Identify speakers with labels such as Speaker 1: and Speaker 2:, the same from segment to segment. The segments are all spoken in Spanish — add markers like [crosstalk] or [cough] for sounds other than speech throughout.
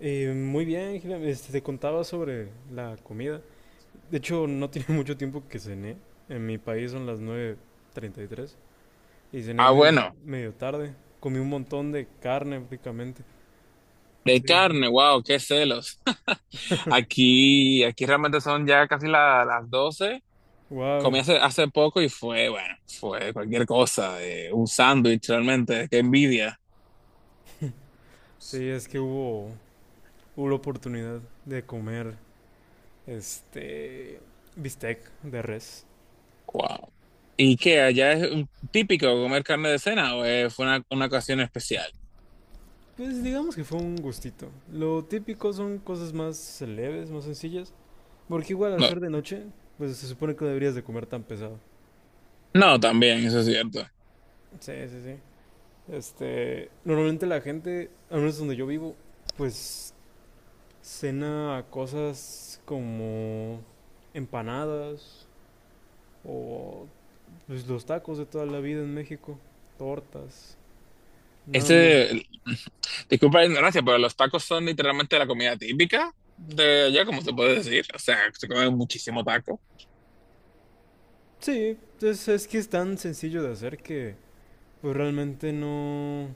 Speaker 1: Muy bien, Gila. Te contaba sobre la comida. De hecho, no tiene [laughs] mucho tiempo que cené. En mi país son las 9:33 y tres y cené
Speaker 2: Ah,
Speaker 1: medio,
Speaker 2: bueno,
Speaker 1: medio tarde. Comí un montón de carne prácticamente.
Speaker 2: de
Speaker 1: Sí, sí.
Speaker 2: carne, wow, qué celos. [laughs] Aquí realmente son ya casi las 12. Comí
Speaker 1: Wow.
Speaker 2: hace poco y fue, bueno, fue cualquier cosa, un sándwich realmente, qué envidia.
Speaker 1: Sí, es que hubo la oportunidad de comer este bistec de res.
Speaker 2: Wow. ¿Y qué? ¿Allá es típico comer carne de cena o fue una ocasión especial?
Speaker 1: Pues digamos que fue un gustito. Lo típico son cosas más leves, más sencillas. Porque igual al
Speaker 2: No,
Speaker 1: ser de noche, pues se supone que no deberías de comer tan pesado.
Speaker 2: no, también, eso es cierto.
Speaker 1: Sí, sí, sí. Normalmente la gente, al menos donde yo vivo, pues cena cosas como empanadas o pues, los tacos de toda la vida en México, tortas, nada muy...
Speaker 2: Este, [laughs] disculpa la ignorancia, pero los tacos son literalmente la comida típica de allá, como se puede decir. O sea, se comen muchísimo taco.
Speaker 1: Sí, es que es tan sencillo de hacer que pues realmente no...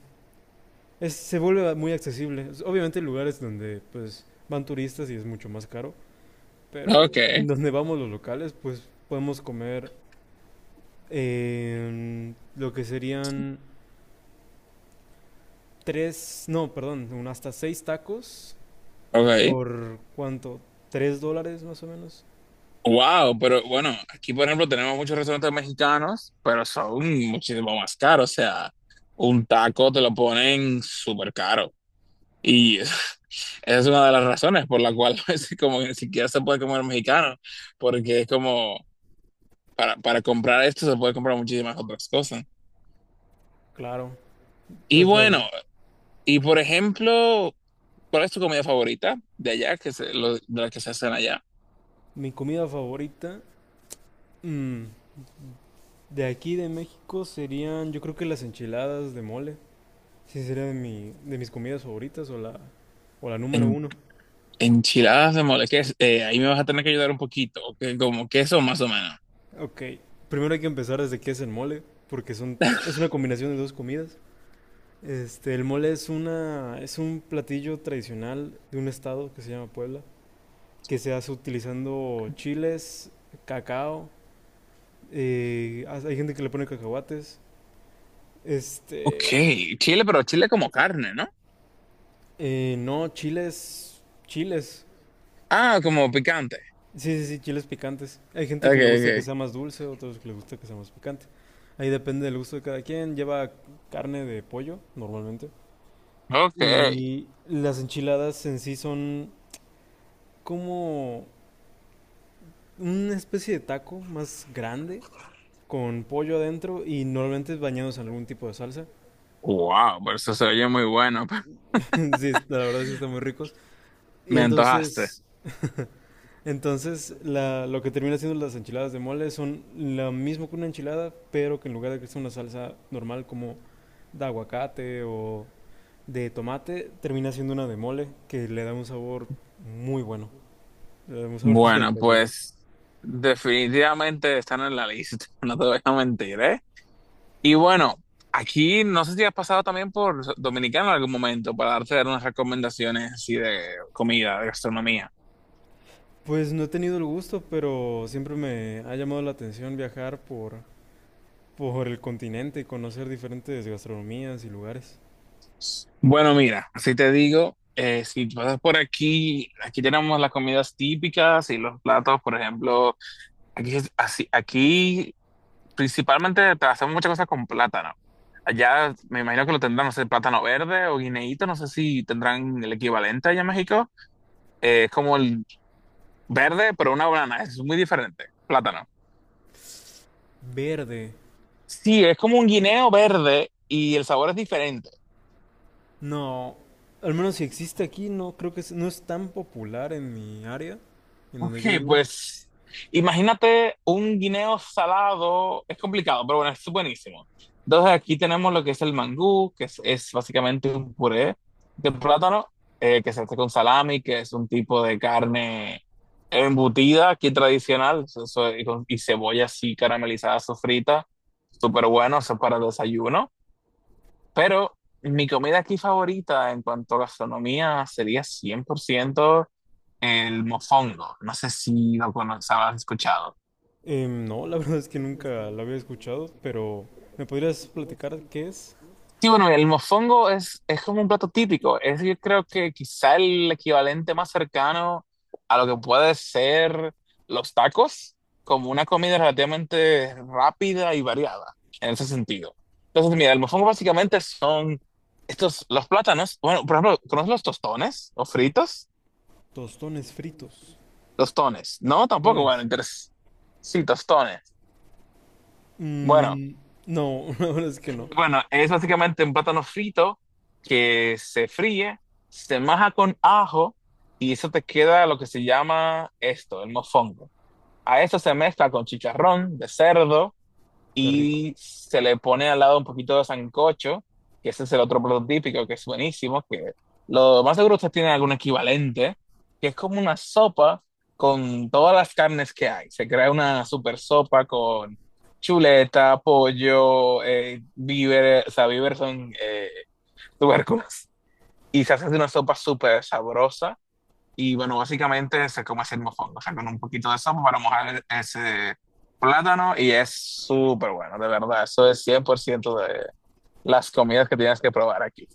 Speaker 1: se vuelve muy accesible. Obviamente hay lugares donde pues van turistas y es mucho más caro,
Speaker 2: Ok.
Speaker 1: pero en donde vamos los locales pues podemos comer lo que serían tres, no, perdón, un hasta seis tacos
Speaker 2: Ok.
Speaker 1: por cuánto, $3 más o menos.
Speaker 2: Wow, pero bueno, aquí por ejemplo tenemos muchos restaurantes mexicanos, pero son muchísimo más caros. O sea, un taco te lo ponen súper caro. Y [laughs] esa es una de las razones por la cual [laughs] a veces como que ni siquiera se puede comer mexicano, porque es como para comprar esto se puede comprar muchísimas otras cosas.
Speaker 1: Claro,
Speaker 2: Y
Speaker 1: hasta
Speaker 2: bueno,
Speaker 1: el-
Speaker 2: y por ejemplo, ¿cuál es tu comida favorita de allá, de la que se hacen allá?
Speaker 1: mi comida favorita mm, de aquí de México serían, yo creo que las enchiladas de mole. Sí, sería de mis comidas favoritas o la número uno.
Speaker 2: Enchiladas de mole, ¿qué es? Ahí me vas a tener que ayudar un poquito, que como queso más o menos.
Speaker 1: Ok, primero hay que empezar desde qué es el mole, porque es una combinación de dos comidas. El mole es un platillo tradicional de un estado que se llama Puebla, que se hace utilizando chiles, cacao, hay gente que le pone cacahuates,
Speaker 2: Ok,
Speaker 1: este,
Speaker 2: chile, pero chile como carne, ¿no?
Speaker 1: no, chiles, chiles,
Speaker 2: Ah, como picante.
Speaker 1: sí, sí, sí, chiles picantes. Hay gente
Speaker 2: Ok,
Speaker 1: que le gusta que
Speaker 2: ok.
Speaker 1: sea más dulce, otros que les gusta que sea más picante. Ahí depende del gusto de cada quien. Lleva carne de pollo, normalmente.
Speaker 2: Ok.
Speaker 1: Y las enchiladas en sí son como una especie de taco más grande con pollo adentro y normalmente bañados en algún tipo de salsa.
Speaker 2: Wow, pero eso se oye muy bueno. [laughs]
Speaker 1: [laughs] Sí, la verdad sí están muy ricos. Y
Speaker 2: Me antojaste.
Speaker 1: entonces, lo que termina siendo las enchiladas de mole son lo mismo que una enchilada, pero que en lugar de que sea una salsa normal como de aguacate o de tomate, termina siendo una de mole que le da un sabor muy bueno. Le da un sabor [laughs]
Speaker 2: Bueno,
Speaker 1: espectacular.
Speaker 2: pues definitivamente están en la lista, [laughs] no te voy a mentir, ¿eh? Y bueno, aquí no sé si has pasado también por Dominicana en algún momento para darte unas recomendaciones así de comida, de gastronomía.
Speaker 1: Pues no he tenido el gusto, pero siempre me ha llamado la atención viajar por el continente y conocer diferentes gastronomías y lugares.
Speaker 2: Bueno, mira, así te digo, si pasas por aquí, aquí tenemos las comidas típicas y los platos, por ejemplo, aquí, es así, aquí principalmente te hacemos muchas cosas con plátano. Allá me imagino que lo tendrán, no sé, plátano verde o guineíto, no sé si tendrán el equivalente allá en México. Es como el verde, pero una banana, es muy diferente, plátano.
Speaker 1: Verde.
Speaker 2: Sí, es como un guineo verde y el sabor es diferente.
Speaker 1: No, al menos si existe aquí, no creo que no es tan popular en mi área, en
Speaker 2: Ok,
Speaker 1: donde yo vivo.
Speaker 2: pues imagínate un guineo salado, es complicado, pero bueno, es buenísimo. Entonces aquí tenemos lo que es el mangú, es básicamente un puré de plátano, que se hace con salami, que es un tipo de carne embutida aquí tradicional, y, y cebolla así caramelizada, sofrita, súper bueno, eso es para desayuno. Pero mi comida aquí favorita en cuanto a gastronomía sería 100% el mofongo. No sé si lo conoces, has escuchado.
Speaker 1: No, la verdad es que nunca la había escuchado, pero ¿me podrías platicar qué es?
Speaker 2: Sí, bueno, es como un plato típico. Es yo creo que quizá el equivalente más cercano a lo que puede ser los tacos, como una comida relativamente rápida y variada en ese sentido. Entonces, mira, el mofongo básicamente son estos, los plátanos. Bueno, por ejemplo, ¿conoces los tostones o fritos?
Speaker 1: Tostones fritos.
Speaker 2: Tostones. No, tampoco, bueno,
Speaker 1: Tostones.
Speaker 2: entonces, sí, tostones. Bueno,
Speaker 1: Mm, no, [laughs] la verdad es que no.
Speaker 2: bueno, es básicamente un plátano frito que se fríe, se maja con ajo y eso te queda lo que se llama esto, el mofongo. A eso se mezcla con chicharrón de cerdo
Speaker 1: Qué rico.
Speaker 2: y se le pone al lado un poquito de sancocho, que ese es el otro plato típico que es buenísimo, que lo más seguro ustedes tienen algún equivalente, que es como una sopa con todas las carnes que hay. Se crea una super sopa con chuleta, pollo, víveres, o sea, víveres son tubérculos, y se hace una sopa súper sabrosa y bueno, básicamente se come así el mofongo, o sea, con un poquito de sopa para mojar ese plátano y es súper bueno, de verdad. Eso es 100% de las comidas que tienes que probar aquí.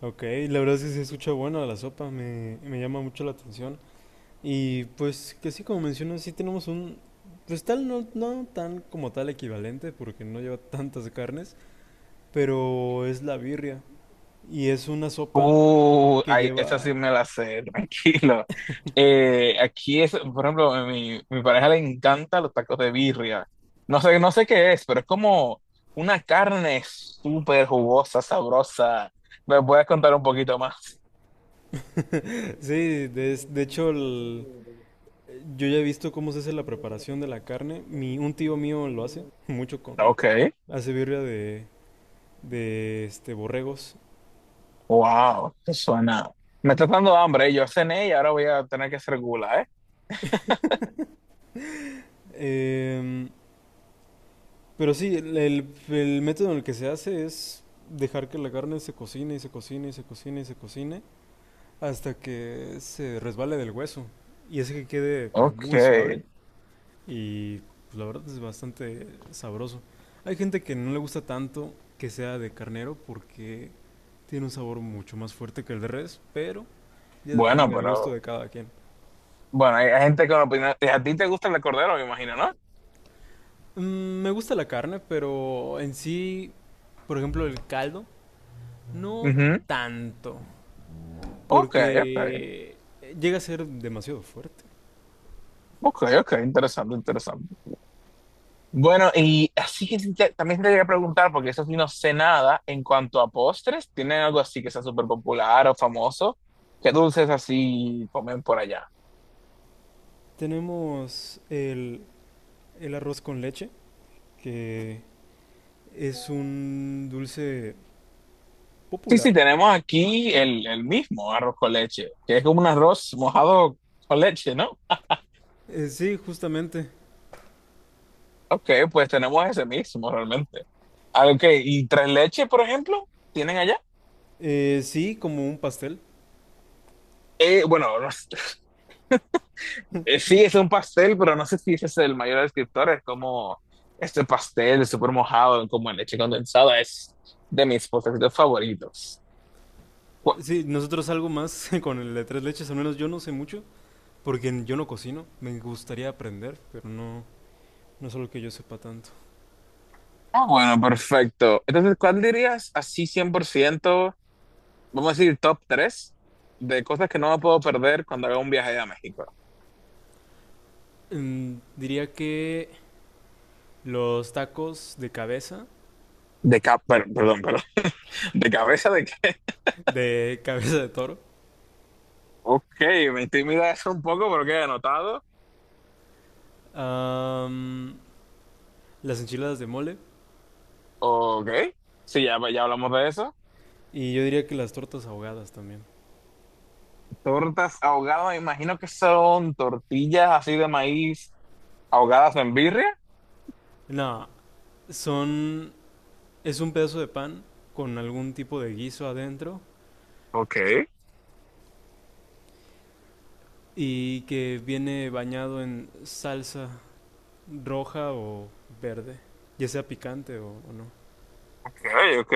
Speaker 1: Ok, la verdad es que sí se escucha bueno la sopa, me llama mucho la atención. Y pues que sí, como mencionas, sí tenemos un... Pues tal, no, no tan como tal equivalente, porque no lleva tantas carnes, pero es la birria. Y es una sopa que
Speaker 2: Ay, esa
Speaker 1: lleva...
Speaker 2: sí me la sé, [laughs] tranquilo. Aquí es, por ejemplo, a mi pareja le encanta los tacos de birria. No sé qué es, pero es como una carne súper jugosa, sabrosa. ¿Me puedes contar un poquito más?
Speaker 1: [laughs] Sí, de hecho, yo ya he visto cómo se hace la preparación de la carne. Un tío mío lo hace, [laughs] mucho con...
Speaker 2: Ok.
Speaker 1: Hace birria de borregos.
Speaker 2: Wow, eso suena. Me está dando hambre, ¿eh? Yo cené y ahora voy a tener que hacer gula, ¿eh?
Speaker 1: Em, pero sí, el método en el que se hace es dejar que la carne se cocine y se cocine y se cocine y se cocine hasta que se resbale del hueso y hace que quede
Speaker 2: Ok.
Speaker 1: muy suave y pues, la verdad es bastante sabroso. Hay gente que no le gusta tanto que sea de carnero porque tiene un sabor mucho más fuerte que el de res, pero ya depende
Speaker 2: Bueno,
Speaker 1: del gusto
Speaker 2: pero.
Speaker 1: de cada quien.
Speaker 2: Bueno, hay gente con opinión. A ti te gusta el de cordero, me imagino, ¿no?
Speaker 1: Me gusta la carne, pero en sí, por ejemplo, el caldo, no
Speaker 2: Ujú.
Speaker 1: tanto,
Speaker 2: Ok, ok.
Speaker 1: porque llega a ser demasiado fuerte.
Speaker 2: Ok, ok. Interesante, interesante. Bueno, y así que sí también te quería preguntar, porque eso sí no sé nada en cuanto a postres. ¿Tienen algo así que sea súper popular o famoso? ¿Qué dulces así comen por allá?
Speaker 1: Tenemos el arroz con leche, que es un dulce
Speaker 2: Sí, sí,
Speaker 1: popular.
Speaker 2: tenemos aquí el mismo arroz con leche, que es como un arroz mojado con leche, ¿no?
Speaker 1: Sí, justamente.
Speaker 2: Ok, pues tenemos ese mismo realmente. Ah, ok, ¿y tres leche, por ejemplo, tienen allá?
Speaker 1: Sí, como un pastel.
Speaker 2: Bueno, no sé, [laughs] sí, es un pastel, pero no sé si ese es el mayor descriptor, es como este pastel súper mojado, como en leche condensada, es de mis postres favoritos. Bu-
Speaker 1: Sí, nosotros algo más [laughs] con el de tres leches, al menos yo no sé mucho, porque yo no cocino. Me gustaría aprender, pero no, no es algo que yo sepa tanto.
Speaker 2: Ah, bueno, perfecto. Entonces, ¿cuál dirías así 100%, vamos a decir, top 3 de cosas que no me puedo perder cuando haga un viaje a México?
Speaker 1: Diría que los tacos de cabeza,
Speaker 2: De cap, perdón, perdón, [laughs] de cabeza de que,
Speaker 1: de [laughs] cabeza de toro,
Speaker 2: ok, me intimida eso un poco porque he anotado,
Speaker 1: am, las enchiladas de mole
Speaker 2: ok, sí, ya hablamos de eso.
Speaker 1: y yo diría que las tortas ahogadas también.
Speaker 2: Tortas ahogadas, me imagino que son tortillas así de maíz ahogadas en birria.
Speaker 1: No, son es un pedazo de pan con algún tipo de guiso adentro
Speaker 2: Ok,
Speaker 1: y que viene bañado en salsa roja o verde, ya sea picante o no.
Speaker 2: ok, ok,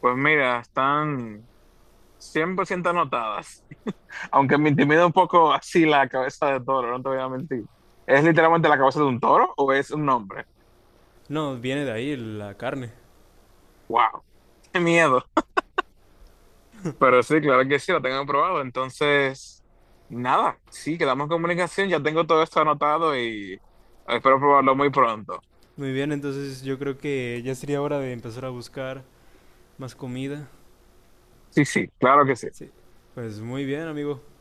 Speaker 2: pues mira, están 100% anotadas. Aunque me intimida un poco así la cabeza de toro, no te voy a mentir. ¿Es literalmente la cabeza de un toro o es un hombre?
Speaker 1: No, viene de ahí la carne.
Speaker 2: ¡Wow! [laughs] ¡Qué miedo! Pero sí, claro que sí, lo tengo probado. Entonces, nada, sí, quedamos en comunicación. Ya tengo todo esto anotado y espero probarlo muy pronto.
Speaker 1: Muy bien, entonces yo creo que ya sería hora de empezar a buscar más comida.
Speaker 2: Sí, sí, claro que sí.
Speaker 1: Sí. Pues muy bien, amigo.